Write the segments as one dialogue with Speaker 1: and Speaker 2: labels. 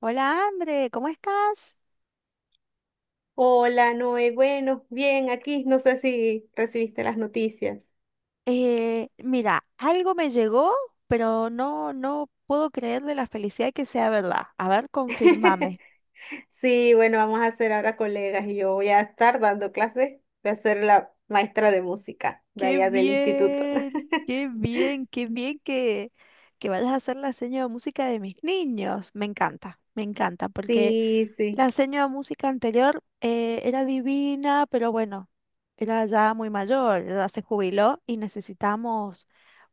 Speaker 1: Hola, André, ¿cómo estás?
Speaker 2: Hola, Noé. Bueno, bien, aquí no sé si recibiste las noticias.
Speaker 1: Mira, algo me llegó, pero no puedo creerle la felicidad que sea verdad. A ver, confirmame.
Speaker 2: Sí, bueno, vamos a ser ahora colegas y yo voy a estar dando clases. Voy a ser la maestra de música de
Speaker 1: Qué
Speaker 2: allá del instituto.
Speaker 1: bien, qué bien, qué bien que vayas a hacer la seña de música de mis niños. Me encanta, porque
Speaker 2: Sí, sí,
Speaker 1: la seña de música anterior era divina, pero bueno, era ya muy mayor, ya se jubiló y necesitamos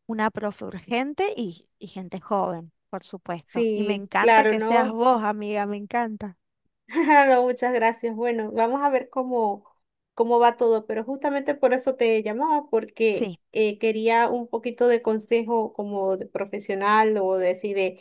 Speaker 1: una profe urgente y gente joven, por supuesto. Y me
Speaker 2: sí,
Speaker 1: encanta
Speaker 2: claro,
Speaker 1: que seas
Speaker 2: ¿no?
Speaker 1: vos, amiga, me encanta.
Speaker 2: No, muchas gracias. Bueno, vamos a ver cómo va todo, pero justamente por eso te llamaba, porque
Speaker 1: Sí,
Speaker 2: quería un poquito de consejo como de profesional o de, sí, de,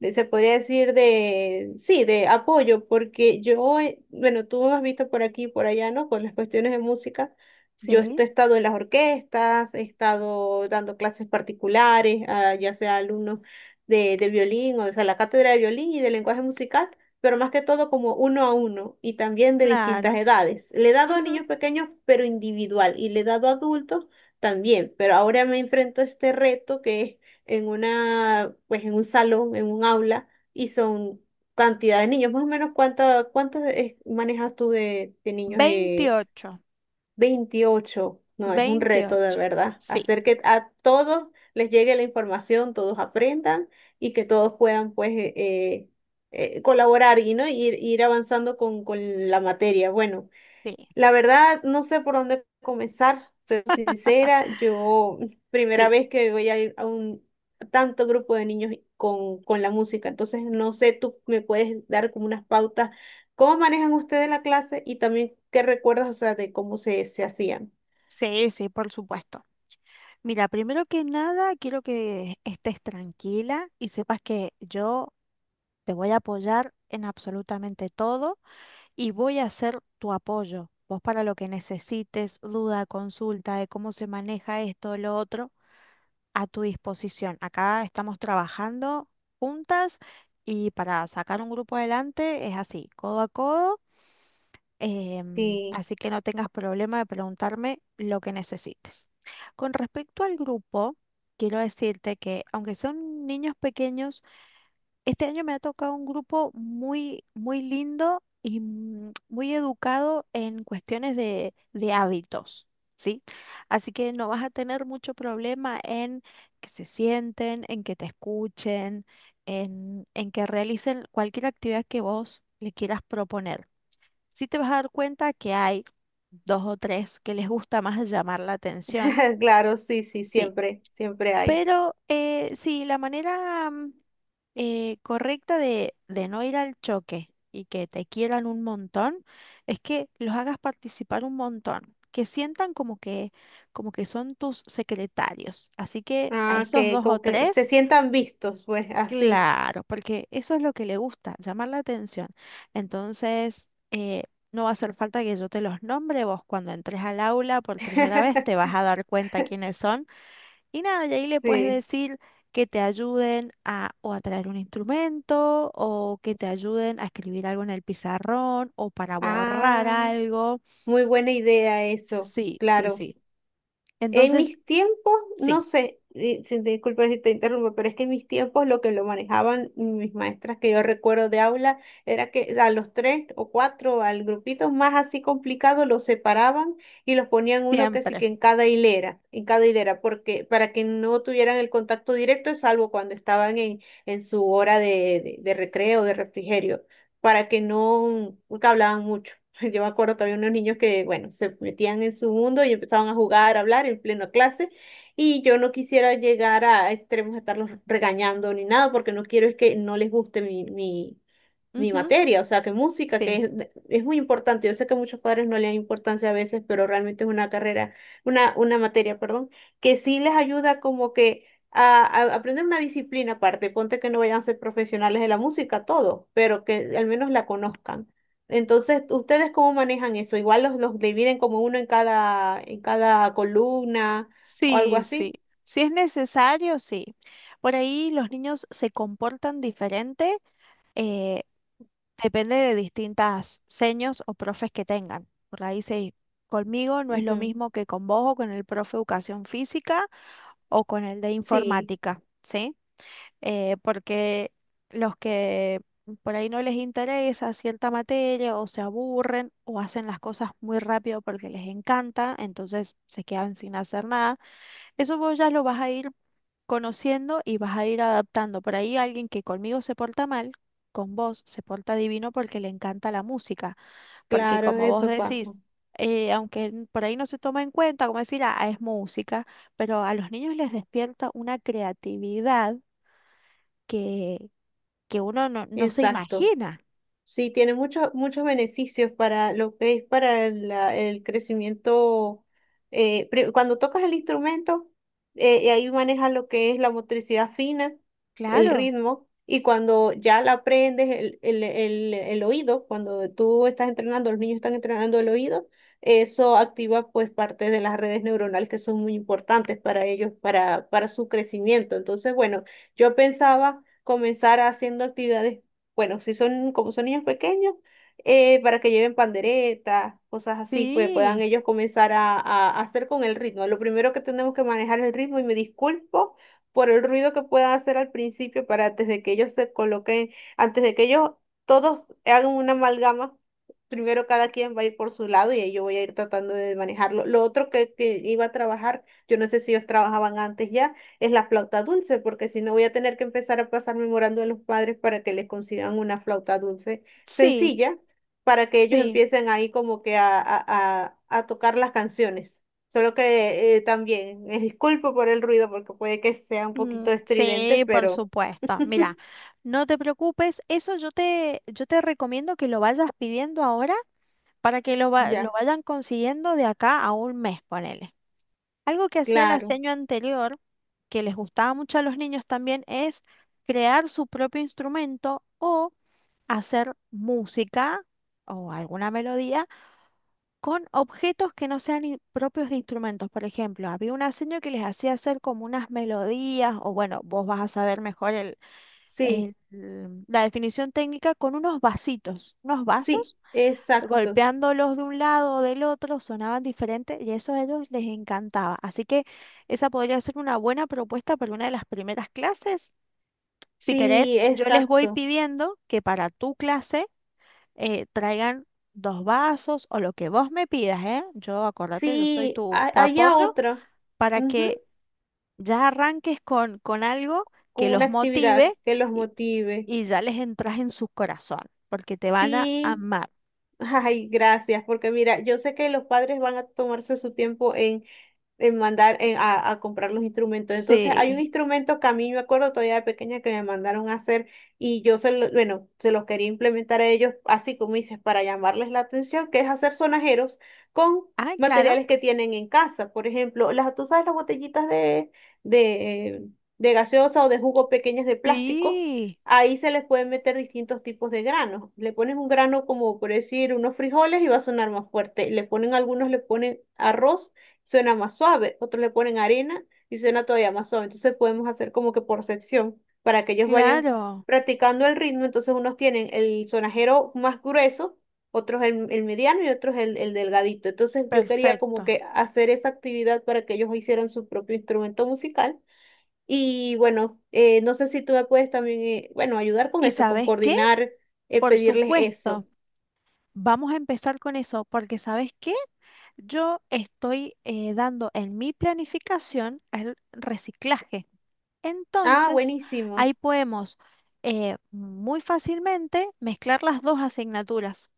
Speaker 2: de- se podría decir de, sí, de apoyo, porque yo, bueno, tú me has visto por aquí y por allá, ¿no? Con las cuestiones de música. He
Speaker 1: sí,
Speaker 2: estado en las orquestas, he estado dando clases particulares, a, ya sea alumnos de violín, o sea, la cátedra de violín y de lenguaje musical, pero más que todo como uno a uno y también de distintas
Speaker 1: claro.
Speaker 2: edades. Le he dado a
Speaker 1: Ujú.
Speaker 2: niños pequeños, pero individual, y le he dado a adultos también, pero ahora me enfrento a este reto que es en una, pues en un salón, en un aula, y son cantidad de niños. Más o menos, cuántos manejas tú de niños,
Speaker 1: 28,
Speaker 2: 28. No, es un reto de
Speaker 1: 28.
Speaker 2: verdad.
Speaker 1: Sí,
Speaker 2: Hacer que a todos les llegue la información, todos aprendan y que todos puedan pues colaborar y, ¿no? ir, ir avanzando con la materia. Bueno,
Speaker 1: sí,
Speaker 2: la verdad, no sé por dónde comenzar. Soy sincera, yo primera
Speaker 1: sí,
Speaker 2: vez que voy a ir a un tanto grupo de niños con la música. Entonces no sé, tú me puedes dar como unas pautas, cómo manejan ustedes la clase y también qué recuerdas, o sea, de cómo se hacían.
Speaker 1: sí, sí, por supuesto. Mira, primero que nada, quiero que estés tranquila y sepas que yo te voy a apoyar en absolutamente todo y voy a ser tu apoyo. Vos para lo que necesites, duda, consulta de cómo se maneja esto, lo otro, a tu disposición. Acá estamos trabajando juntas y para sacar un grupo adelante es así, codo a codo,
Speaker 2: Sí,
Speaker 1: así que no tengas problema de preguntarme lo que necesites. Con respecto al grupo, quiero decirte que aunque son niños pequeños, este año me ha tocado un grupo muy, muy lindo y muy educado en cuestiones de hábitos, ¿sí? Así que no vas a tener mucho problema en que se sienten, en que te escuchen, en que realicen cualquier actividad que vos le quieras proponer. Sí te vas a dar cuenta que hay dos o tres que les gusta más llamar la atención.
Speaker 2: claro, sí, sí,
Speaker 1: Sí,
Speaker 2: siempre, siempre hay.
Speaker 1: pero sí, la manera correcta de no ir al choque y que te quieran un montón es que los hagas participar un montón, que sientan como que son tus secretarios. Así que a
Speaker 2: Ah,
Speaker 1: esos
Speaker 2: que
Speaker 1: dos o
Speaker 2: como que se
Speaker 1: tres,
Speaker 2: sientan vistos, pues así.
Speaker 1: claro, porque eso es lo que le gusta, llamar la atención. Entonces, no va a hacer falta que yo te los nombre, vos cuando entres al aula por primera vez te vas a dar cuenta quiénes son y nada, y ahí le puedes
Speaker 2: Sí.
Speaker 1: decir que te ayuden a o a traer un instrumento o que te ayuden a escribir algo en el pizarrón o para borrar
Speaker 2: Ah,
Speaker 1: algo.
Speaker 2: muy buena idea eso,
Speaker 1: Sí, sí,
Speaker 2: claro.
Speaker 1: sí.
Speaker 2: En
Speaker 1: Entonces,
Speaker 2: mis tiempos, no
Speaker 1: sí,
Speaker 2: sé, disculpa si te interrumpo, pero es que en mis tiempos lo que lo manejaban mis maestras que yo recuerdo de aula era que a los tres o cuatro, al grupito más así complicado, los separaban y los ponían uno que sí
Speaker 1: siempre.
Speaker 2: que en cada hilera, porque para que no tuvieran el contacto directo, salvo cuando estaban en su hora de recreo, de refrigerio, para que no, porque hablaban mucho. Yo me acuerdo que había unos niños que, bueno, se metían en su mundo y empezaban a jugar, a hablar en plena clase. Y yo no quisiera llegar a extremos de estarlos regañando ni nada, porque no quiero es que no les guste mi
Speaker 1: Ujú,
Speaker 2: materia, o sea, que música, que
Speaker 1: sí,
Speaker 2: es muy importante. Yo sé que a muchos padres no le dan importancia a veces, pero realmente es una carrera, una materia, perdón, que sí les ayuda como que a aprender una disciplina aparte. Ponte que no vayan a ser profesionales de la música, todo, pero que al menos la conozcan. Entonces, ¿ustedes cómo manejan eso? Igual los dividen como uno en cada columna o algo
Speaker 1: sí, sí.
Speaker 2: así.
Speaker 1: Si es necesario, sí. Por ahí los niños se comportan diferente, eh, depende de distintas seños o profes que tengan. Por ahí se... Conmigo no es lo
Speaker 2: Ujú.
Speaker 1: mismo que con vos o con el profe de educación física, o con el de
Speaker 2: Sí,
Speaker 1: informática, ¿sí? Porque los que por ahí no les interesa cierta materia o se aburren o hacen las cosas muy rápido porque les encanta, entonces se quedan sin hacer nada. Eso vos ya lo vas a ir conociendo y vas a ir adaptando. Por ahí alguien que conmigo se porta mal, con vos se porta divino porque le encanta la música porque
Speaker 2: claro,
Speaker 1: como vos
Speaker 2: eso pasa.
Speaker 1: decís, aunque por ahí no se toma en cuenta, como decir, ah, es música, pero a los niños les despierta una creatividad que, que uno no se
Speaker 2: Exacto.
Speaker 1: imagina,
Speaker 2: Sí, tiene muchos muchos beneficios para lo que es para la- el crecimiento. Cuando tocas el instrumento, y ahí manejas lo que es la motricidad fina, el
Speaker 1: claro.
Speaker 2: ritmo, y cuando ya la aprendes, el oído, cuando tú estás entrenando, los niños están entrenando el oído, eso activa pues parte de las redes neuronales que son muy importantes para ellos, para su crecimiento. Entonces, bueno, yo pensaba comenzar haciendo actividades, bueno, si son como son niños pequeños, para que lleven panderetas, cosas así, que puedan
Speaker 1: Sí,
Speaker 2: ellos comenzar a hacer con el ritmo. Lo primero que tenemos que manejar es el ritmo, y me disculpo por el ruido que puedan hacer al principio, para antes de que ellos se coloquen, antes de que ellos todos hagan una amalgama. Primero cada quien va a ir por su lado y ahí yo voy a ir tratando de manejarlo. Lo otro que iba a trabajar, yo no sé si ellos trabajaban antes ya, es la flauta dulce, porque si no voy a tener que empezar a pasar memorando a los padres para que les consigan una flauta dulce
Speaker 1: sí,
Speaker 2: sencilla, para que ellos
Speaker 1: sí.
Speaker 2: empiecen ahí como que a tocar las canciones. Solo que también, me disculpo por el ruido porque puede que sea un poquito
Speaker 1: Mm,
Speaker 2: estridente,
Speaker 1: sí, por
Speaker 2: pero
Speaker 1: supuesto. Mira, no te preocupes, eso yo yo te recomiendo que lo vayas pidiendo ahora para que lo
Speaker 2: ya,
Speaker 1: vayan consiguiendo de acá a un mes, ponele. Algo que hacía el
Speaker 2: claro,
Speaker 1: aseño anterior, que les gustaba mucho a los niños también, es crear su propio instrumento o hacer música o alguna melodía con objetos que no sean propios de instrumentos. Por ejemplo, había un aseño que les hacía hacer como unas melodías, o bueno, vos vas a saber mejor el-
Speaker 2: sí,
Speaker 1: la definición técnica, con unos vasitos, unos
Speaker 2: sí,
Speaker 1: vasos
Speaker 2: exacto,
Speaker 1: golpeándolos de un lado o del otro, sonaban diferentes y eso a ellos les encantaba. Así que esa podría ser una buena propuesta para una de las primeras clases. Si
Speaker 2: sí,
Speaker 1: querés, yo les voy
Speaker 2: exacto,
Speaker 1: pidiendo que para tu clase traigan dos vasos o lo que vos me pidas, ¿eh? Yo, acordate, yo soy
Speaker 2: sí,
Speaker 1: tu
Speaker 2: haya
Speaker 1: apoyo
Speaker 2: otra,
Speaker 1: para
Speaker 2: ujú,
Speaker 1: que ya arranques con algo
Speaker 2: con
Speaker 1: que
Speaker 2: una
Speaker 1: los
Speaker 2: actividad
Speaker 1: motive
Speaker 2: que los
Speaker 1: y,
Speaker 2: motive.
Speaker 1: y ya les entras en su corazón, porque te van a
Speaker 2: Sí,
Speaker 1: amar.
Speaker 2: ay, gracias, porque mira, yo sé que los padres van a tomarse su tiempo en mandar a comprar los instrumentos. Entonces, hay un
Speaker 1: Sí.
Speaker 2: instrumento que a mí me acuerdo todavía de pequeña que me mandaron a hacer y yo se lo, bueno, se los quería implementar a ellos, así como dices, para llamarles la atención, que es hacer sonajeros con
Speaker 1: Ah, claro.
Speaker 2: materiales que tienen en casa. Por ejemplo, las, tú sabes, las botellitas de, de gaseosa o de jugo pequeñas de plástico,
Speaker 1: Sí,
Speaker 2: ahí se les pueden meter distintos tipos de granos. Le ponen un grano como por decir unos frijoles y va a sonar más fuerte. Le ponen algunos, le ponen arroz, suena más suave. Otros le ponen harina y suena todavía más suave. Entonces podemos hacer como que por sección para que ellos vayan
Speaker 1: claro,
Speaker 2: practicando el ritmo. Entonces unos tienen el sonajero más grueso, otros el mediano y otros el delgadito. Entonces yo quería como
Speaker 1: perfecto.
Speaker 2: que hacer esa actividad para que ellos hicieran su propio instrumento musical. Y bueno, no sé si tú me puedes también, bueno, ayudar con
Speaker 1: ¿Y
Speaker 2: eso, con
Speaker 1: sabes qué?
Speaker 2: coordinar,
Speaker 1: Por
Speaker 2: pedirles
Speaker 1: supuesto,
Speaker 2: eso.
Speaker 1: vamos a empezar con eso, porque ¿sabes qué? Yo estoy dando en mi planificación el reciclaje.
Speaker 2: Ah,
Speaker 1: Entonces,
Speaker 2: buenísimo.
Speaker 1: ahí podemos muy fácilmente mezclar las dos asignaturas.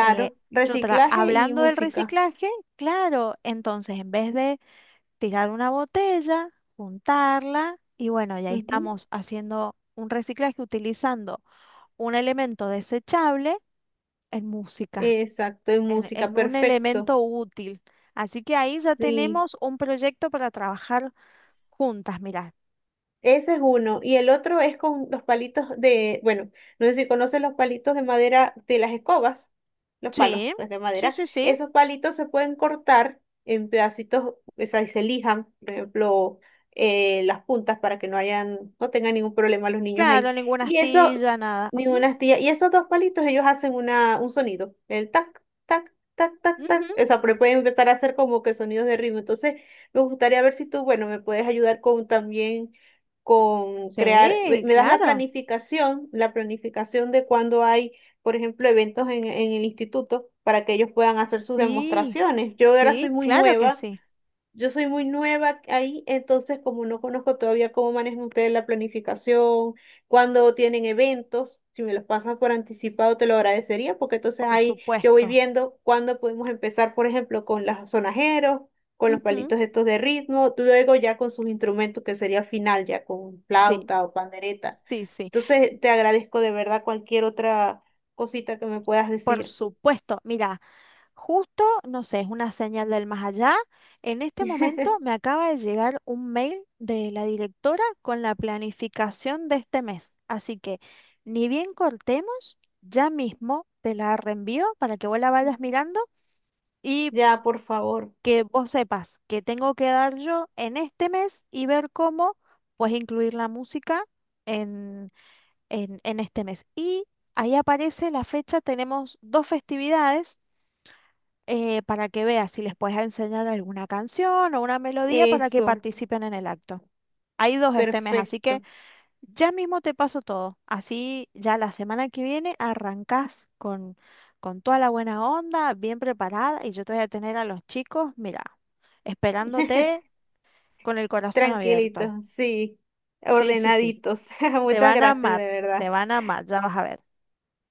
Speaker 1: Eh, yo
Speaker 2: reciclaje y
Speaker 1: hablando del
Speaker 2: música.
Speaker 1: reciclaje, claro, entonces en vez de tirar una botella, juntarla y bueno, ya ahí
Speaker 2: Ujú,
Speaker 1: estamos haciendo un reciclaje utilizando un elemento desechable en música,
Speaker 2: exacto, y música,
Speaker 1: en un
Speaker 2: perfecto.
Speaker 1: elemento útil. Así que ahí ya
Speaker 2: Sí.
Speaker 1: tenemos un proyecto para trabajar juntas, mirá.
Speaker 2: Ese es uno. Y el otro es con los palitos de, bueno, no sé si conoces los palitos de madera de las escobas, los palos
Speaker 1: Sí,
Speaker 2: pues, de
Speaker 1: sí,
Speaker 2: madera.
Speaker 1: sí, sí.
Speaker 2: Esos palitos se pueden cortar en pedacitos, o sea, y se lijan, por ejemplo, las puntas para que no hayan, no tengan ningún problema los niños
Speaker 1: Claro,
Speaker 2: ahí.
Speaker 1: ninguna
Speaker 2: Y eso,
Speaker 1: astilla, nada. Ujú,
Speaker 2: ninguna astilla. Y esos dos palitos, ellos hacen una, un sonido, el tac, tac, tac, tac, tac. O
Speaker 1: ujú.
Speaker 2: sea, pero pueden empezar a hacer como que sonidos de ritmo. Entonces, me gustaría ver si tú, bueno, me puedes ayudar con también con, crear, me
Speaker 1: Sí,
Speaker 2: me das
Speaker 1: claro.
Speaker 2: la planificación de cuando hay, por ejemplo, eventos en el instituto para que ellos puedan hacer sus
Speaker 1: Sí,
Speaker 2: demostraciones.
Speaker 1: sí, claro que sí,
Speaker 2: Yo soy muy nueva ahí, entonces como no conozco todavía cómo manejan ustedes la planificación, cuando tienen eventos, si me los pasan por anticipado te lo agradecería, porque entonces
Speaker 1: por
Speaker 2: ahí yo voy
Speaker 1: supuesto.
Speaker 2: viendo cuándo podemos empezar, por ejemplo, con los sonajeros, con los
Speaker 1: Ujú,
Speaker 2: palitos estos de ritmo, luego ya con sus instrumentos, que sería final, ya con
Speaker 1: sí,
Speaker 2: flauta o pandereta.
Speaker 1: sí, sí.
Speaker 2: Entonces te agradezco de verdad cualquier otra cosita que me puedas
Speaker 1: Por
Speaker 2: decir.
Speaker 1: supuesto, mira, justo, no sé, es una señal del más allá. En este momento me acaba de llegar un mail de la directora con la planificación de este mes. Así que, ni bien cortemos, ya mismo te la reenvío para que vos la vayas mirando y
Speaker 2: Ya, por favor.
Speaker 1: que vos sepas que tengo que dar yo en este mes y ver cómo pues incluir la música en, en este mes. Y ahí aparece la fecha, tenemos dos festividades para que veas si les puedes enseñar alguna canción o una melodía para que
Speaker 2: Eso,
Speaker 1: participen en el acto. Hay dos este mes, así que
Speaker 2: perfecto.
Speaker 1: ya mismo te paso todo. Así ya la semana que viene arrancás con toda la buena onda, bien preparada, y yo te voy a tener a los chicos, mira, esperándote con el corazón abierto.
Speaker 2: Tranquilitos, sí,
Speaker 1: Sí, sí, sí.
Speaker 2: ordenaditos.
Speaker 1: Te
Speaker 2: Muchas
Speaker 1: van a
Speaker 2: gracias,
Speaker 1: amar,
Speaker 2: de
Speaker 1: te
Speaker 2: verdad.
Speaker 1: van a amar, ya vas a ver.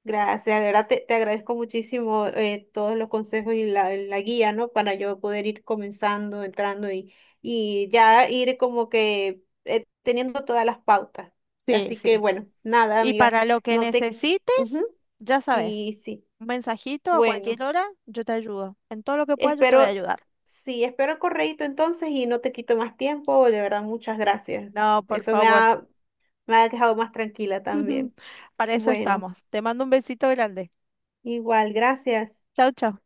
Speaker 2: Gracias, de verdad te, te agradezco muchísimo todos los consejos y la guía, ¿no? Para yo poder ir comenzando, entrando y ya ir como que teniendo todas las pautas.
Speaker 1: Sí,
Speaker 2: Así que
Speaker 1: sí.
Speaker 2: bueno, nada,
Speaker 1: Y
Speaker 2: amiga,
Speaker 1: para lo que
Speaker 2: no te... Ujú,
Speaker 1: necesites, ya sabes,
Speaker 2: sí, sí.
Speaker 1: un mensajito a cualquier
Speaker 2: Bueno,
Speaker 1: hora, yo te ayudo. En todo lo que pueda, yo te voy a
Speaker 2: espero,
Speaker 1: ayudar.
Speaker 2: sí, espero el correíto entonces y no te quito más tiempo. De verdad, muchas gracias.
Speaker 1: No, por
Speaker 2: Eso me
Speaker 1: favor.
Speaker 2: ha... Me ha dejado más tranquila también.
Speaker 1: Para eso
Speaker 2: Bueno,
Speaker 1: estamos. Te mando un besito grande.
Speaker 2: igual, gracias.
Speaker 1: Chau, chau.